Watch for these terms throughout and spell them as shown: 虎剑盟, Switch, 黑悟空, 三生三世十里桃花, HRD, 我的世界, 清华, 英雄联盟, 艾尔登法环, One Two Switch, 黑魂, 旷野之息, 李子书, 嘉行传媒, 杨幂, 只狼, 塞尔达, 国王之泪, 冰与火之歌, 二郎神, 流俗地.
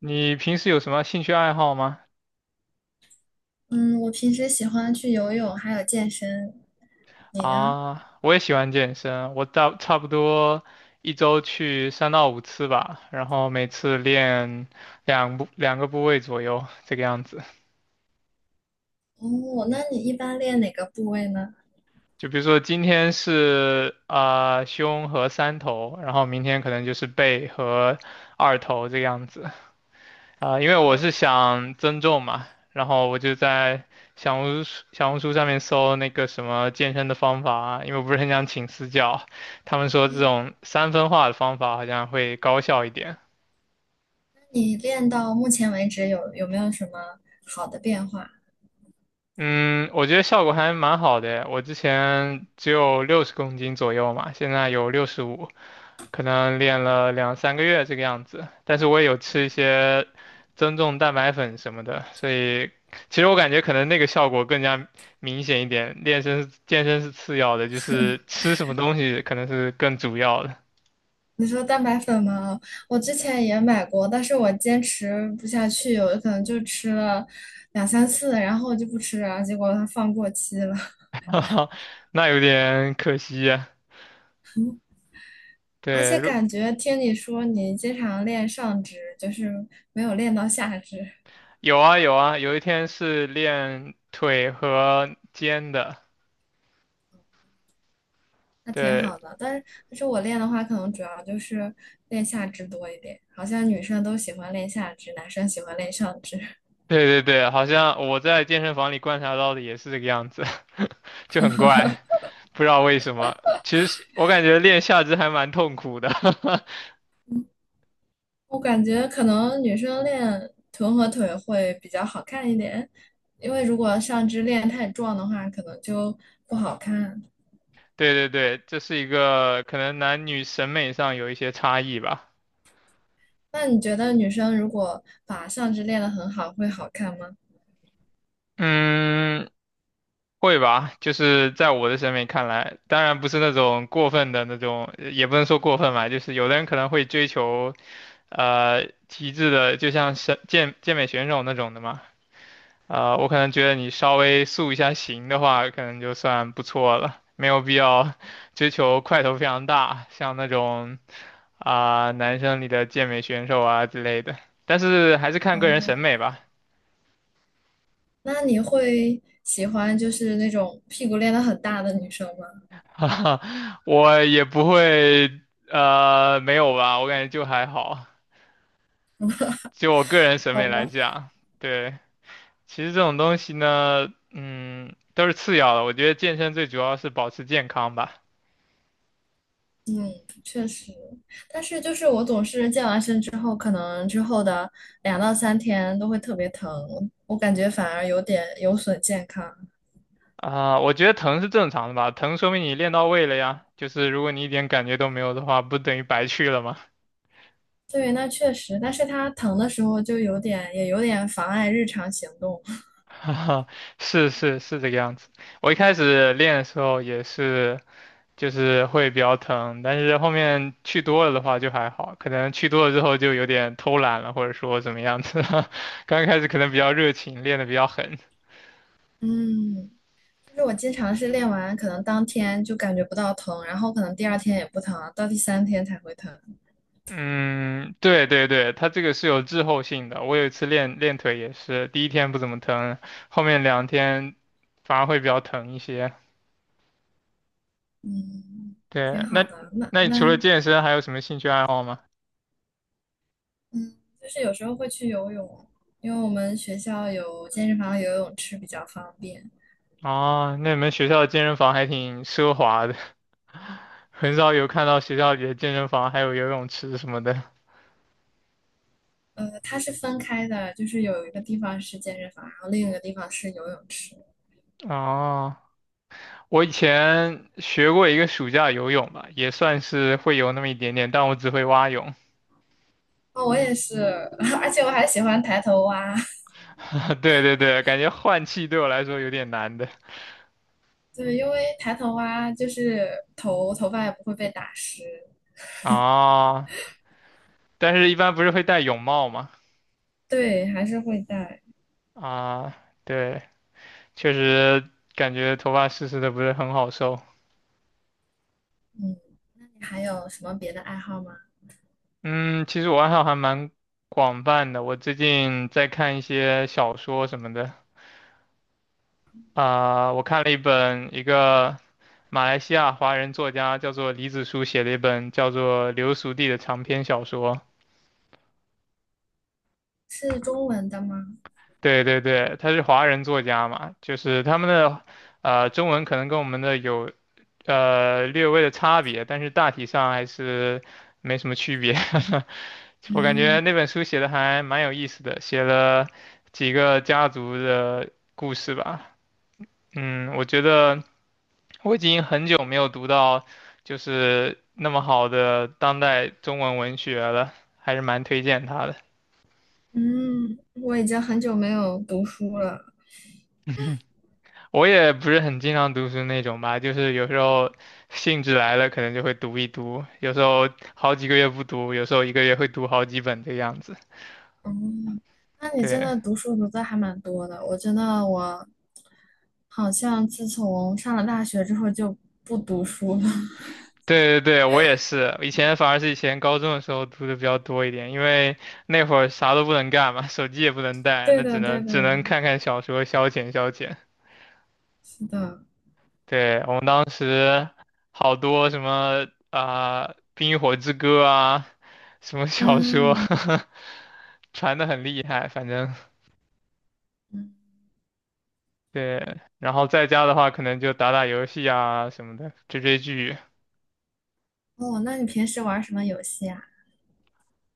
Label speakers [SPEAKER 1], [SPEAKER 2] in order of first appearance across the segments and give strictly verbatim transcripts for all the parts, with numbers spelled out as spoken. [SPEAKER 1] 你平时有什么兴趣爱好吗？
[SPEAKER 2] 嗯，我平时喜欢去游泳，还有健身。你呢？
[SPEAKER 1] 啊，我也喜欢健身，我到差不多一周去三到五次吧，然后每次练两部两个部位左右，这个样子。
[SPEAKER 2] 哦，那你一般练哪个部位呢？
[SPEAKER 1] 就比如说今天是啊、呃胸和三头，然后明天可能就是背和二头这个样子。啊，因为我是想增重嘛，然后我就在小红书小红书上面搜那个什么健身的方法啊，因为我不是很想请私教，他们说这
[SPEAKER 2] 嗯，
[SPEAKER 1] 种三分化的方法好像会高效一点。
[SPEAKER 2] 那你练到目前为止有有没有什么好的变化？
[SPEAKER 1] 嗯，我觉得效果还蛮好的，我之前只有六十公斤左右嘛，现在有六十五。可能练了两三个月这个样子，但是我也有吃一些增重蛋白粉什么的，所以其实我感觉可能那个效果更加明显一点。练身是健身是次要的，就是吃什么东西可能是更主要的。
[SPEAKER 2] 你说蛋白粉吗？我之前也买过，但是我坚持不下去，有可能就吃了两三次，然后就不吃了，结果它放过期了。
[SPEAKER 1] 哈哈，那有点可惜呀。
[SPEAKER 2] 而
[SPEAKER 1] 对，
[SPEAKER 2] 且
[SPEAKER 1] 如
[SPEAKER 2] 感觉听你说你经常练上肢，就是没有练到下肢。
[SPEAKER 1] 有啊有啊，有一天是练腿和肩的。
[SPEAKER 2] 那挺
[SPEAKER 1] 对，
[SPEAKER 2] 好的，但是但是我练的话，可能主要就是练下肢多一点。好像女生都喜欢练下肢，男生喜欢练上肢。
[SPEAKER 1] 对对对，好像我在健身房里观察到的也是这个样子。就很怪，不知道为什么。其实我感觉练下肢还蛮痛苦的。
[SPEAKER 2] 我感觉可能女生练臀和腿会比较好看一点，因为如果上肢练太壮的话，可能就不好看。
[SPEAKER 1] 对对对，这是一个可能男女审美上有一些差异吧。
[SPEAKER 2] 那你觉得女生如果把上肢练得很好，会好看吗？
[SPEAKER 1] 嗯，会吧，就是在我的审美看来，当然不是那种过分的那种，也不能说过分吧，就是有的人可能会追求，呃，极致的，就像是健健美选手那种的嘛。呃，我可能觉得你稍微塑一下形的话，可能就算不错了，没有必要 追求块头非常大，像那种啊、男生里的健美选手啊之类的。但是还是看个人审
[SPEAKER 2] 哦，
[SPEAKER 1] 美吧。
[SPEAKER 2] 那你会喜欢就是那种屁股练得很大的女生吗？
[SPEAKER 1] 哈哈，我也不会呃没有吧，我感觉就还好，就我个人审
[SPEAKER 2] 好
[SPEAKER 1] 美来
[SPEAKER 2] 吧。
[SPEAKER 1] 讲。对，其实这种东西呢，嗯，都是次要的，我觉得健身最主要是保持健康吧。
[SPEAKER 2] 嗯，确实，但是就是我总是健完身之后，可能之后的两到三天都会特别疼，我感觉反而有点有损健康。
[SPEAKER 1] 啊，我觉得疼是正常的吧，疼说明你练到位了呀。就是如果你一点感觉都没有的话，不等于白去了吗？
[SPEAKER 2] 对，那确实，但是它疼的时候就有点，也有点妨碍日常行动。
[SPEAKER 1] 哈哈，是是是这个样子。我一开始练的时候也是，就是会比较疼，但是后面去多了的话就还好，可能去多了之后就有点偷懒了，或者说怎么样子。刚开始可能比较热情，练得比较狠。
[SPEAKER 2] 嗯，就是我经常是练完，可能当天就感觉不到疼，然后可能第二天也不疼，到第三天才会疼。
[SPEAKER 1] 嗯，对对对，它这个是有滞后性的。我有一次练练腿也是，第一天不怎么疼，后面两天反而会比较疼一些。
[SPEAKER 2] 嗯，挺
[SPEAKER 1] 对，
[SPEAKER 2] 好
[SPEAKER 1] 那
[SPEAKER 2] 的。那
[SPEAKER 1] 那你除
[SPEAKER 2] 那
[SPEAKER 1] 了健身还有什么兴趣爱好吗？
[SPEAKER 2] 嗯，就是有时候会去游泳，因为我们学校有健身房、有游泳池比较方便。
[SPEAKER 1] 哦，那你们学校的健身房还挺奢华的。很少有看到学校里的健身房还有游泳池什么的。
[SPEAKER 2] 呃，它是分开的，就是有一个地方是健身房，然后另一个地方是游泳池。
[SPEAKER 1] 哦，我以前学过一个暑假游泳吧，也算是会游那么一点点，但我只会蛙泳。
[SPEAKER 2] 哦，我也是，而且我还喜欢抬头蛙。
[SPEAKER 1] 对对对，感觉换气对我来说有点难的。
[SPEAKER 2] 对，因为抬头蛙就是头头发也不会被打湿。
[SPEAKER 1] 啊，但是一般不是会戴泳帽吗？
[SPEAKER 2] 对，还是会带。
[SPEAKER 1] 啊，对，确实感觉头发湿湿的不是很好受。
[SPEAKER 2] 嗯，那你还有什么别的爱好吗？
[SPEAKER 1] 嗯，其实我爱好还蛮广泛的，我最近在看一些小说什么的。啊，我看了一本一个马来西亚华人作家叫做李子书写的一本叫做《流俗地》的长篇小说。
[SPEAKER 2] 是中文的吗？
[SPEAKER 1] 对对对，他是华人作家嘛，就是他们的呃中文可能跟我们的有呃略微的差别，但是大体上还是没什么区别。我感
[SPEAKER 2] 嗯，
[SPEAKER 1] 觉那本书写的还蛮有意思的，写了几个家族的故事吧。嗯，我觉得我已经很久没有读到就是那么好的当代中文文学了，还是蛮推荐他的。
[SPEAKER 2] 嗯，我已经很久没有读书了。
[SPEAKER 1] 我也不是很经常读书那种吧，就是有时候兴致来了，可能就会读一读，有时候好几个月不读，有时候一个月会读好几本这个样子。
[SPEAKER 2] 哦，那你真的
[SPEAKER 1] 对
[SPEAKER 2] 读书读的还蛮多的。我觉得我好像自从上了大学之后就不读书了。
[SPEAKER 1] 对对对，我也是。以前反而是以前高中的时候读的比较多一点，因为那会儿啥都不能干嘛，手机也不能带，
[SPEAKER 2] 对
[SPEAKER 1] 那只
[SPEAKER 2] 的，对
[SPEAKER 1] 能只
[SPEAKER 2] 的，
[SPEAKER 1] 能看看小说消遣消遣。
[SPEAKER 2] 是的。
[SPEAKER 1] 对，我们当时好多什么啊，冰与火之歌》啊，什么小说。
[SPEAKER 2] 嗯，
[SPEAKER 1] 传的很厉害，反正
[SPEAKER 2] 嗯，
[SPEAKER 1] 对。然后在家的话，可能就打打游戏啊什么的，追追剧。
[SPEAKER 2] 哦，那你平时玩什么游戏啊？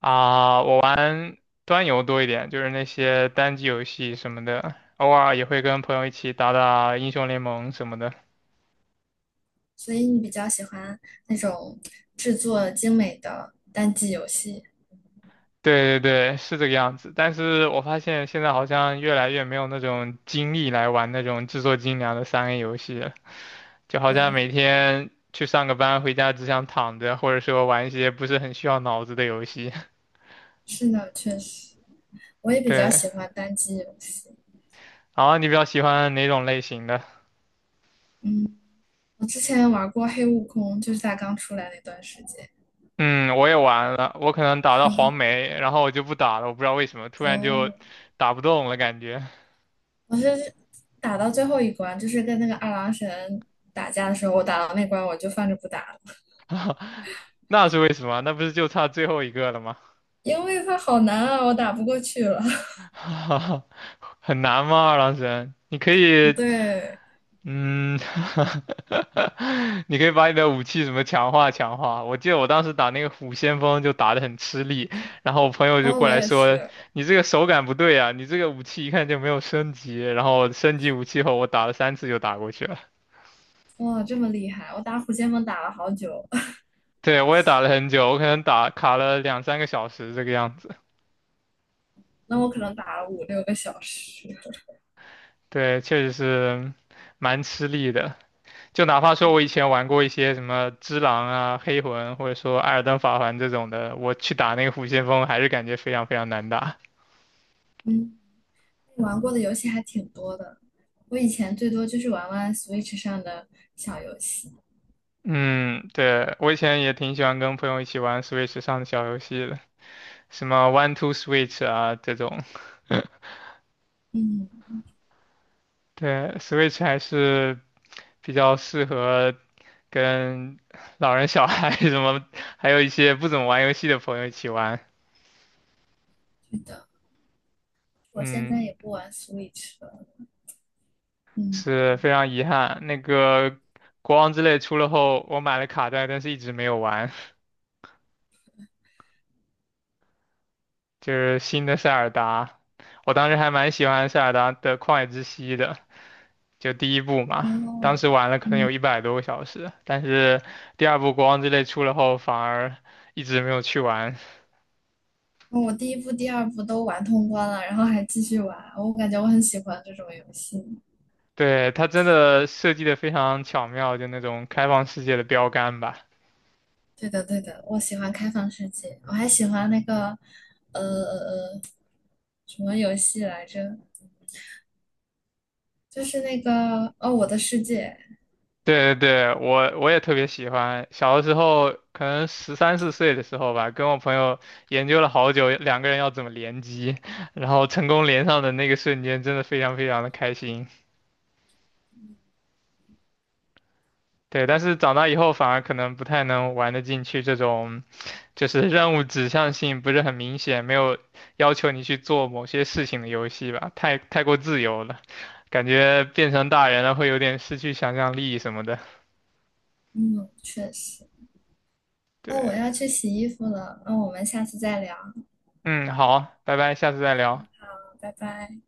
[SPEAKER 1] 啊，我玩端游多一点，就是那些单机游戏什么的，偶尔也会跟朋友一起打打英雄联盟什么的。
[SPEAKER 2] 所以你比较喜欢那种制作精美的单机游戏。
[SPEAKER 1] 对对对，是这个样子。但是我发现现在好像越来越没有那种精力来玩那种制作精良的三 A 游戏了，就好像
[SPEAKER 2] 嗯，
[SPEAKER 1] 每天去上个班，回家只想躺着，或者说玩一些不是很需要脑子的游戏。
[SPEAKER 2] 是的，确实，我也 比较
[SPEAKER 1] 对，
[SPEAKER 2] 喜欢单机游戏。
[SPEAKER 1] 然后你比较喜欢哪种类型的？
[SPEAKER 2] 嗯，我之前玩过《黑悟空》，就是它刚出来那段时间。
[SPEAKER 1] 嗯，我也玩了，我可能打到黄梅，然后我就不打了，我不知道为什么，突然就
[SPEAKER 2] 哦。
[SPEAKER 1] 打不动了感觉。
[SPEAKER 2] 我是打到最后一关，就是跟那个二郎神打架的时候，我打到那关我就放着不打了，
[SPEAKER 1] 那是为什么？那不是就差最后一个了吗？
[SPEAKER 2] 因为他好难啊，我打不过去了。
[SPEAKER 1] 很难吗？二郎神，你可 以。
[SPEAKER 2] 对，
[SPEAKER 1] 嗯，你可以把你的武器什么强化强化。我记得我当时打那个虎先锋就打得很吃力，然后我朋友
[SPEAKER 2] 然
[SPEAKER 1] 就
[SPEAKER 2] 后
[SPEAKER 1] 过
[SPEAKER 2] 我
[SPEAKER 1] 来
[SPEAKER 2] 也是，
[SPEAKER 1] 说，你这个手感不对啊，你这个武器一看就没有升级。然后升级武器后，我打了三次就打过去了。
[SPEAKER 2] 哇，这么厉害！我打虎剑盟打了好久，
[SPEAKER 1] 对，我也打了很久，我可能打卡了两三个小时这个样子。
[SPEAKER 2] 那我可能打了五六个小时。
[SPEAKER 1] 对，确实是蛮吃力的。就哪怕说
[SPEAKER 2] 嗯，
[SPEAKER 1] 我以前玩过一些什么只狼啊、黑魂，或者说艾尔登法环这种的，我去打那个虎先锋，还是感觉非常非常难打。
[SPEAKER 2] 嗯，玩过的游戏还挺多的，我以前最多就是玩玩 Switch 上的小游戏。
[SPEAKER 1] 嗯，对，我以前也挺喜欢跟朋友一起玩 Switch 上的小游戏的，什么 One Two Switch 啊这种。
[SPEAKER 2] 嗯，
[SPEAKER 1] 对，Switch 还是比较适合跟老人、小孩 什么，还有一些不怎么玩游戏的朋友一起玩。
[SPEAKER 2] 是的，我现在
[SPEAKER 1] 嗯，
[SPEAKER 2] 也不玩 Switch 了。嗯，
[SPEAKER 1] 是非常遗憾。那个国王之泪出了后，我买了卡带，但是一直没有玩。就是新的塞尔达。我当时还蛮喜欢塞尔达的旷野之息的，就第一部嘛。当
[SPEAKER 2] 哦。
[SPEAKER 1] 时玩了可能有一百多个小时，但是第二部国王之泪出了后，反而一直没有去玩。
[SPEAKER 2] 嗯，我第一部、第二部都玩通关了，然后还继续玩，我感觉我很喜欢这种游戏。
[SPEAKER 1] 对，它真的设计的非常巧妙，就那种开放世界的标杆吧。
[SPEAKER 2] 对的，对的，我喜欢开放世界，我还喜欢那个，呃呃，呃，什么游戏来着？就是那个哦，《我的世界》。
[SPEAKER 1] 对对对，我我也特别喜欢。小的时候，可能十三四岁的时候吧，跟我朋友研究了好久，两个人要怎么联机，然后成功连上的那个瞬间，真的非常非常的开心。对，但是长大以后反而可能不太能玩得进去这种，就是任务指向性不是很明显，没有要求你去做某些事情的游戏吧，太太过自由了，感觉变成大人了会有点失去想象力什么的。
[SPEAKER 2] 嗯，确实。哦，我要
[SPEAKER 1] 对，
[SPEAKER 2] 去洗衣服了，那我们下次再聊，
[SPEAKER 1] 嗯，好，拜拜，下次再聊。
[SPEAKER 2] 拜拜。